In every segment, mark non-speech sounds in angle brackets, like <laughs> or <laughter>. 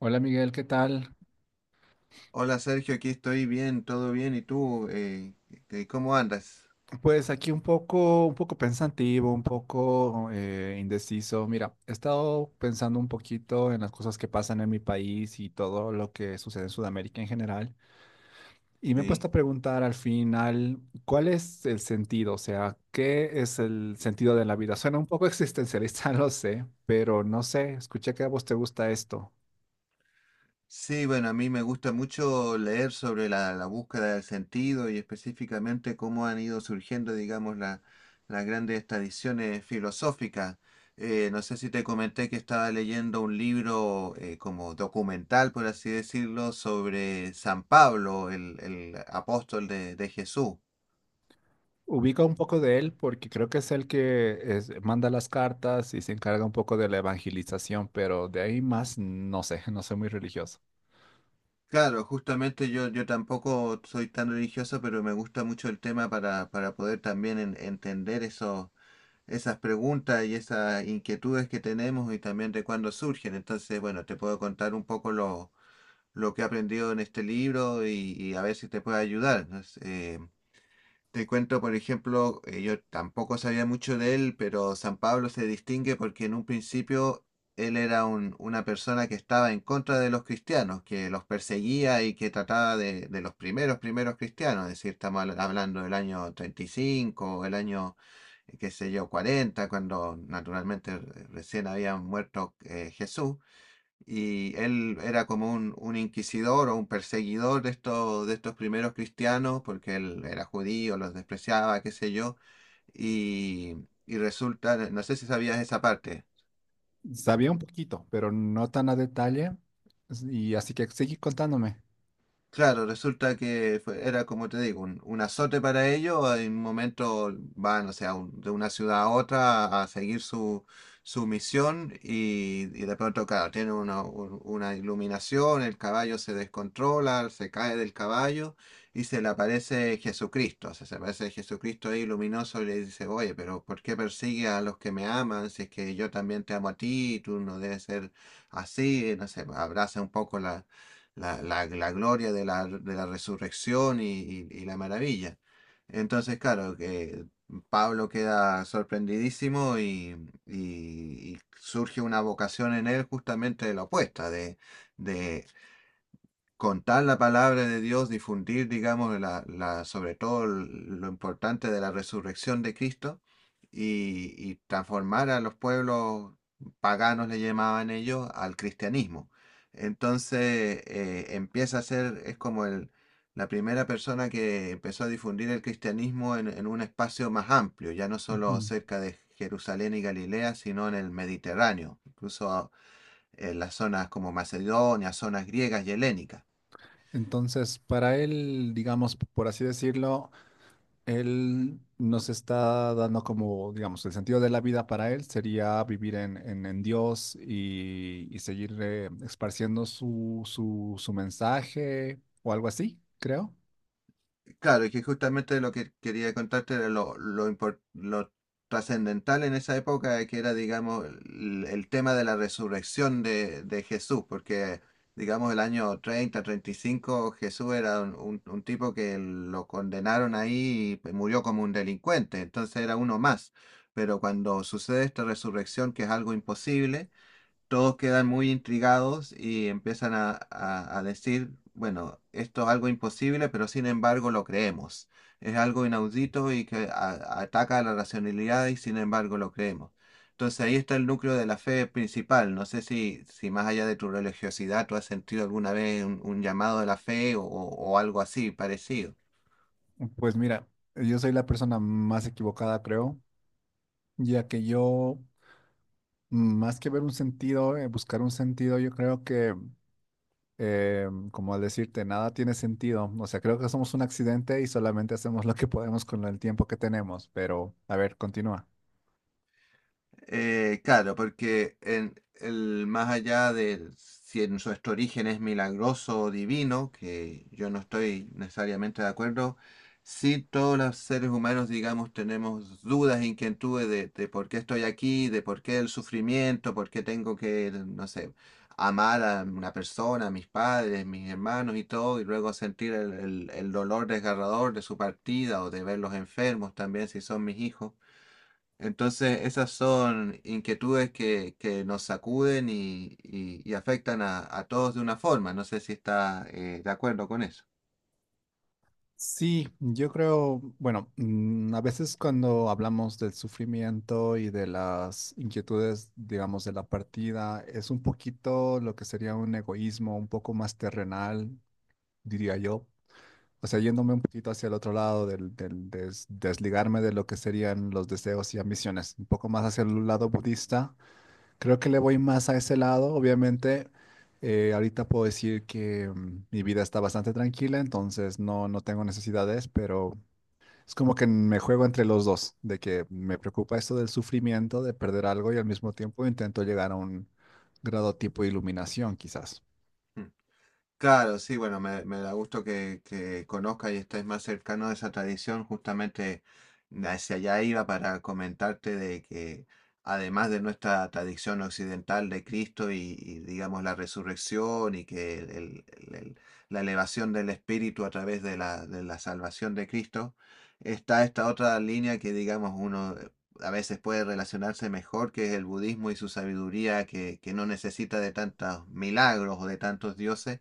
Hola Miguel, ¿qué tal? Hola Sergio, aquí estoy bien, todo bien. ¿Y tú? ¿Cómo andas? Pues aquí un poco pensativo, un poco indeciso. Mira, he estado pensando un poquito en las cosas que pasan en mi país y todo lo que sucede en Sudamérica en general. Y me he Sí, puesto a preguntar al final, ¿cuál es el sentido? O sea, ¿qué es el sentido de la vida? Suena un poco existencialista, <laughs> lo sé, pero no sé, escuché que a vos te gusta esto. Sí, bueno, a mí me gusta mucho leer sobre la búsqueda del sentido y específicamente cómo han ido surgiendo, digamos, las grandes tradiciones filosóficas. No sé si te comenté que estaba leyendo un libro como documental, por así decirlo, sobre San Pablo, el apóstol de Jesús. Ubica un poco de él porque creo que es el que es- manda las cartas y se encarga un poco de la evangelización, pero de ahí más no sé, <laughs> no soy muy religioso. Claro, justamente yo tampoco soy tan religioso, pero me gusta mucho el tema para poder también entender esas preguntas y esas inquietudes que tenemos y también de cuándo surgen. Entonces, bueno, te puedo contar un poco lo que he aprendido en este libro y a ver si te puede ayudar, ¿no? Te cuento, por ejemplo, yo tampoco sabía mucho de él, pero San Pablo se distingue porque en un principio él era una persona que estaba en contra de los cristianos, que los perseguía y que trataba de los primeros cristianos, es decir, estamos hablando del año 35, o el año, qué sé yo, 40, cuando naturalmente recién había muerto, Jesús, y él era como un inquisidor o un perseguidor de estos primeros cristianos, porque él era judío, los despreciaba, qué sé yo, y, y resulta, no sé si sabías esa parte. Sabía un poquito, pero no tan a detalle, y así que sigue contándome. Claro, resulta que era como te digo, un azote para ellos. En un momento van, o sea, de una ciudad a otra a seguir su misión y de pronto, claro, tienen una iluminación, el caballo se descontrola, se cae del caballo y se le aparece Jesucristo. O sea, se aparece Jesucristo ahí luminoso y le dice, oye, pero ¿por qué persigue a los que me aman? Si es que yo también te amo a ti, tú no debes ser así, no sé, abraza un poco la gloria de la resurrección y la maravilla. Entonces, claro, que Pablo queda sorprendidísimo y- y surge una vocación en él justamente de la opuesta, de contar la palabra de Dios, difundir, digamos, sobre todo lo importante de la resurrección de Cristo y transformar a los pueblos paganos, le llamaban ellos, al cristianismo. Entonces, empieza a ser, es como la primera persona que empezó a difundir el cristianismo en un espacio más amplio, ya no solo Ujú. cerca de Jerusalén y Galilea, sino en el Mediterráneo, incluso en las zonas como Macedonia, zonas griegas y helénicas. Entonces, para él, digamos, por así decirlo, él nos está dando como, digamos, el sentido de la vida para él sería vivir en Dios y seguir esparciendo su, su, su mensaje o algo así, creo. Claro, y que justamente lo que quería contarte era lo trascendental en esa época, que era, digamos, el tema de la resurrección de Jesús, porque, digamos, el año treinta y cinco Jesús era un tipo que lo condenaron ahí y murió como un delincuente, entonces era uno más. Pero cuando sucede esta resurrección, que es algo imposible, todos quedan muy intrigados y empiezan a decir, bueno, esto es algo imposible, pero sin embargo lo creemos. Es algo inaudito y que ataca a la racionalidad y sin embargo lo creemos. Entonces ahí está el núcleo de la fe principal. No sé si más allá de tu religiosidad tú has sentido alguna vez un llamado de la fe o algo así parecido. Pues mira, yo soy la persona más equivocada, creo, ya que yo, más que ver un sentido, buscar un sentido, yo creo que, como al decirte, nada tiene sentido. O sea, creo que somos un accidente y solamente hacemos lo que podemos con el tiempo que tenemos, pero a ver, continúa. Claro, porque en el, más allá de si en nuestro origen es milagroso o divino, que yo no estoy necesariamente de acuerdo, sí, todos los seres humanos, digamos, tenemos dudas, inquietudes de por qué estoy aquí, de por qué el sufrimiento, por qué tengo que, no sé, amar a una persona, a mis padres, mis hermanos y todo, y luego sentir el dolor desgarrador de su partida o de verlos enfermos también si son mis hijos. Entonces, esas son inquietudes que nos sacuden y afectan a todos de una forma. No sé si está de acuerdo con eso. Sí, yo creo, bueno, mm, a veces cuando hablamos del sufrimiento y de las inquietudes, digamos, de la partida, es un poquito lo que sería un egoísmo un poco más terrenal, diría yo. O sea, yéndome un poquito hacia el otro lado, desligarme de lo que serían los deseos y ambiciones, un poco más hacia el lado budista. Creo que le voy más a ese lado, obviamente. Ahorita puedo decir que mm, mi vida está bastante tranquila, entonces no tengo necesidades, pero es como que me juego entre los dos, de que me preocupa esto del sufrimiento, de perder algo y al mismo tiempo intento llegar a un grado tipo de iluminación, quizás. Mm. Claro, sí, bueno, me da gusto que conozca y estés más cercano a esa tradición. Justamente hacia allá iba para comentarte de que además de nuestra tradición occidental de Cristo y, digamos, la resurrección y que el- la elevación del espíritu a través de la salvación de Cristo, está esta otra línea que digamos uno, a veces puede relacionarse mejor, que es el budismo y su sabiduría que no necesita de tantos milagros o de tantos dioses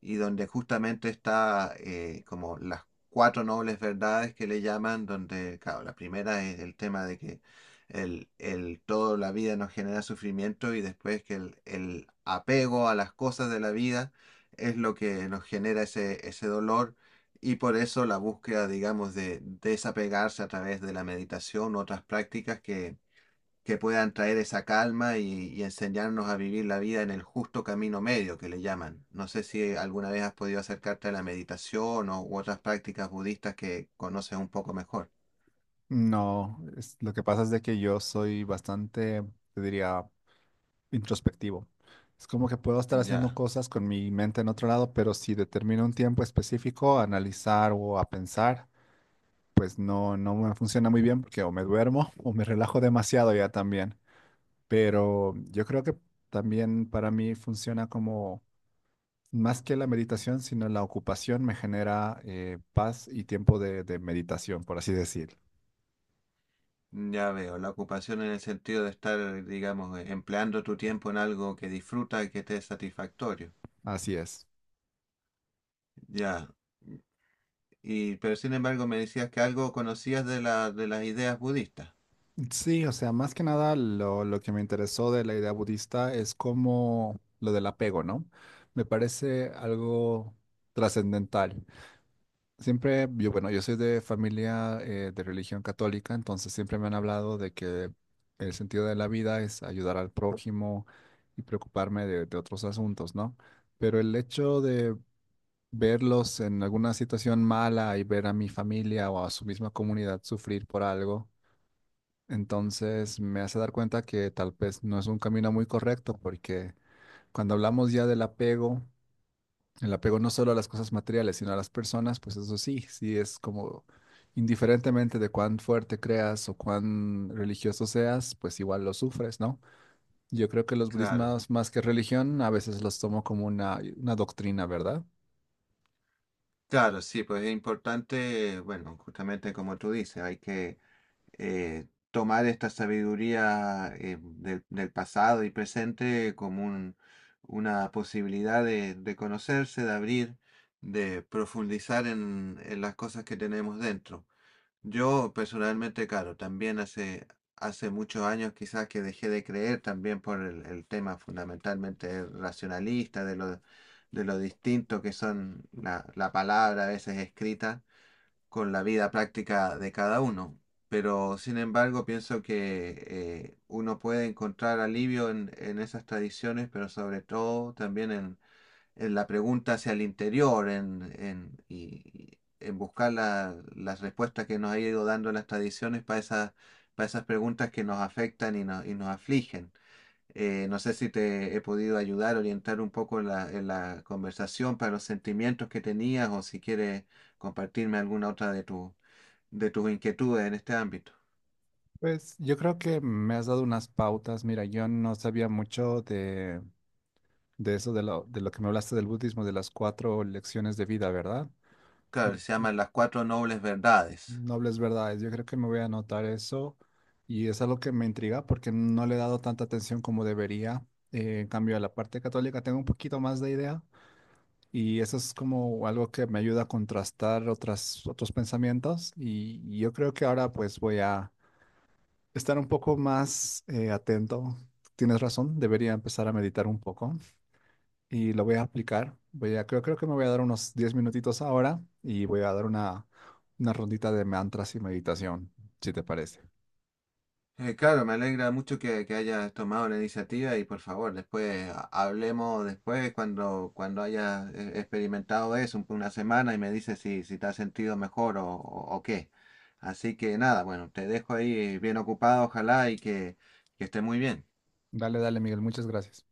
y donde justamente está, como las cuatro nobles verdades que le llaman, donde, claro, la primera es el tema de que el toda la vida nos genera sufrimiento y después que el apego a las cosas de la vida es lo que nos genera ese dolor y por eso la búsqueda, digamos, de desapegarse a través de la meditación u otras prácticas que puedan traer esa calma y enseñarnos a vivir la vida en el justo camino medio que le llaman. No sé si alguna vez has podido acercarte a la meditación, u otras prácticas budistas que conoces un poco mejor. No, es- Lo que pasa es de que yo soy bastante, te diría, introspectivo. Es como que puedo estar haciendo Ya, cosas con mi mente en otro lado, pero si determino un tiempo específico a analizar o a pensar, pues no me funciona muy bien porque o me duermo <laughs> o me relajo demasiado ya también. Pero yo creo que también para mí funciona como más que la meditación, sino la ocupación me genera paz y tiempo de meditación, por así decir. ya veo. La ocupación en el sentido de estar, digamos, empleando tu tiempo en algo que disfruta y que te es satisfactorio. Así es. Ya. Y, pero sin embargo me decías que algo conocías de la, de las ideas budistas. Sí, o sea, más que nada lo que me interesó de la idea budista es como lo del apego, ¿no? Me parece algo trascendental. Siempre, yo, bueno, yo soy de familia de religión católica, entonces siempre me han hablado de que el sentido de la vida es ayudar al prójimo y preocuparme de otros asuntos, ¿no? Pero el hecho de verlos en alguna situación mala y ver a mi familia o a su misma comunidad sufrir por algo, entonces me hace dar cuenta que tal vez no es un camino muy correcto, porque cuando hablamos ya del apego, el apego no solo a las cosas materiales, sino a las personas, pues eso sí, sí es como indiferentemente de cuán fuerte creas o cuán religioso seas, pues igual lo sufres, ¿no? Yo creo que los Claro. budismas, más que religión, a veces los tomo como una doctrina, ¿verdad? Claro, sí, pues es importante, bueno, justamente como tú dices, hay que eh, tomar esta sabiduría, del pasado y presente como una posibilidad de conocerse, de abrir, de profundizar en las cosas que tenemos dentro. Yo personalmente, claro, también hace muchos años quizás que dejé de creer también por el tema fundamentalmente racionalista, de lo distinto que son la palabra a veces escrita con la vida práctica de cada uno. Pero sin embargo, pienso que, uno puede encontrar alivio en esas tradiciones, pero sobre todo también en la pregunta hacia el interior, en buscar las respuestas que nos ha ido dando las tradiciones para esas preguntas que nos afectan y nos afligen. No sé si te he podido ayudar, orientar un poco en la conversación para los sentimientos que tenías o si quieres compartirme alguna otra de tus inquietudes en este ámbito. Pues yo creo que me has dado unas pautas. Mira, yo no sabía mucho de eso, de lo que me hablaste del budismo, de las cuatro lecciones de vida, ¿verdad? Claro, se llaman las cuatro nobles verdades. Nobles verdades. Yo creo que me voy a anotar eso y es algo que me intriga porque no le he dado tanta atención como debería. En cambio, a la parte católica tengo un poquito más de idea y eso es como algo que me ayuda a contrastar otras, otros pensamientos y yo creo que ahora pues voy a estar un poco más atento. Tienes razón, debería empezar a meditar un poco y lo voy a aplicar. Voy a, creo que me voy a dar unos 10 minutitos ahora y voy a dar una rondita de mantras y meditación, si te parece. Claro, me alegra mucho que hayas tomado la iniciativa y por favor, después hablemos después cuando, hayas, experimentado eso una semana y me dices si te has sentido mejor o qué. Así que nada, bueno, te dejo ahí bien ocupado, ojalá y que, estés muy bien. Dale, dale, Miguel, muchas gracias.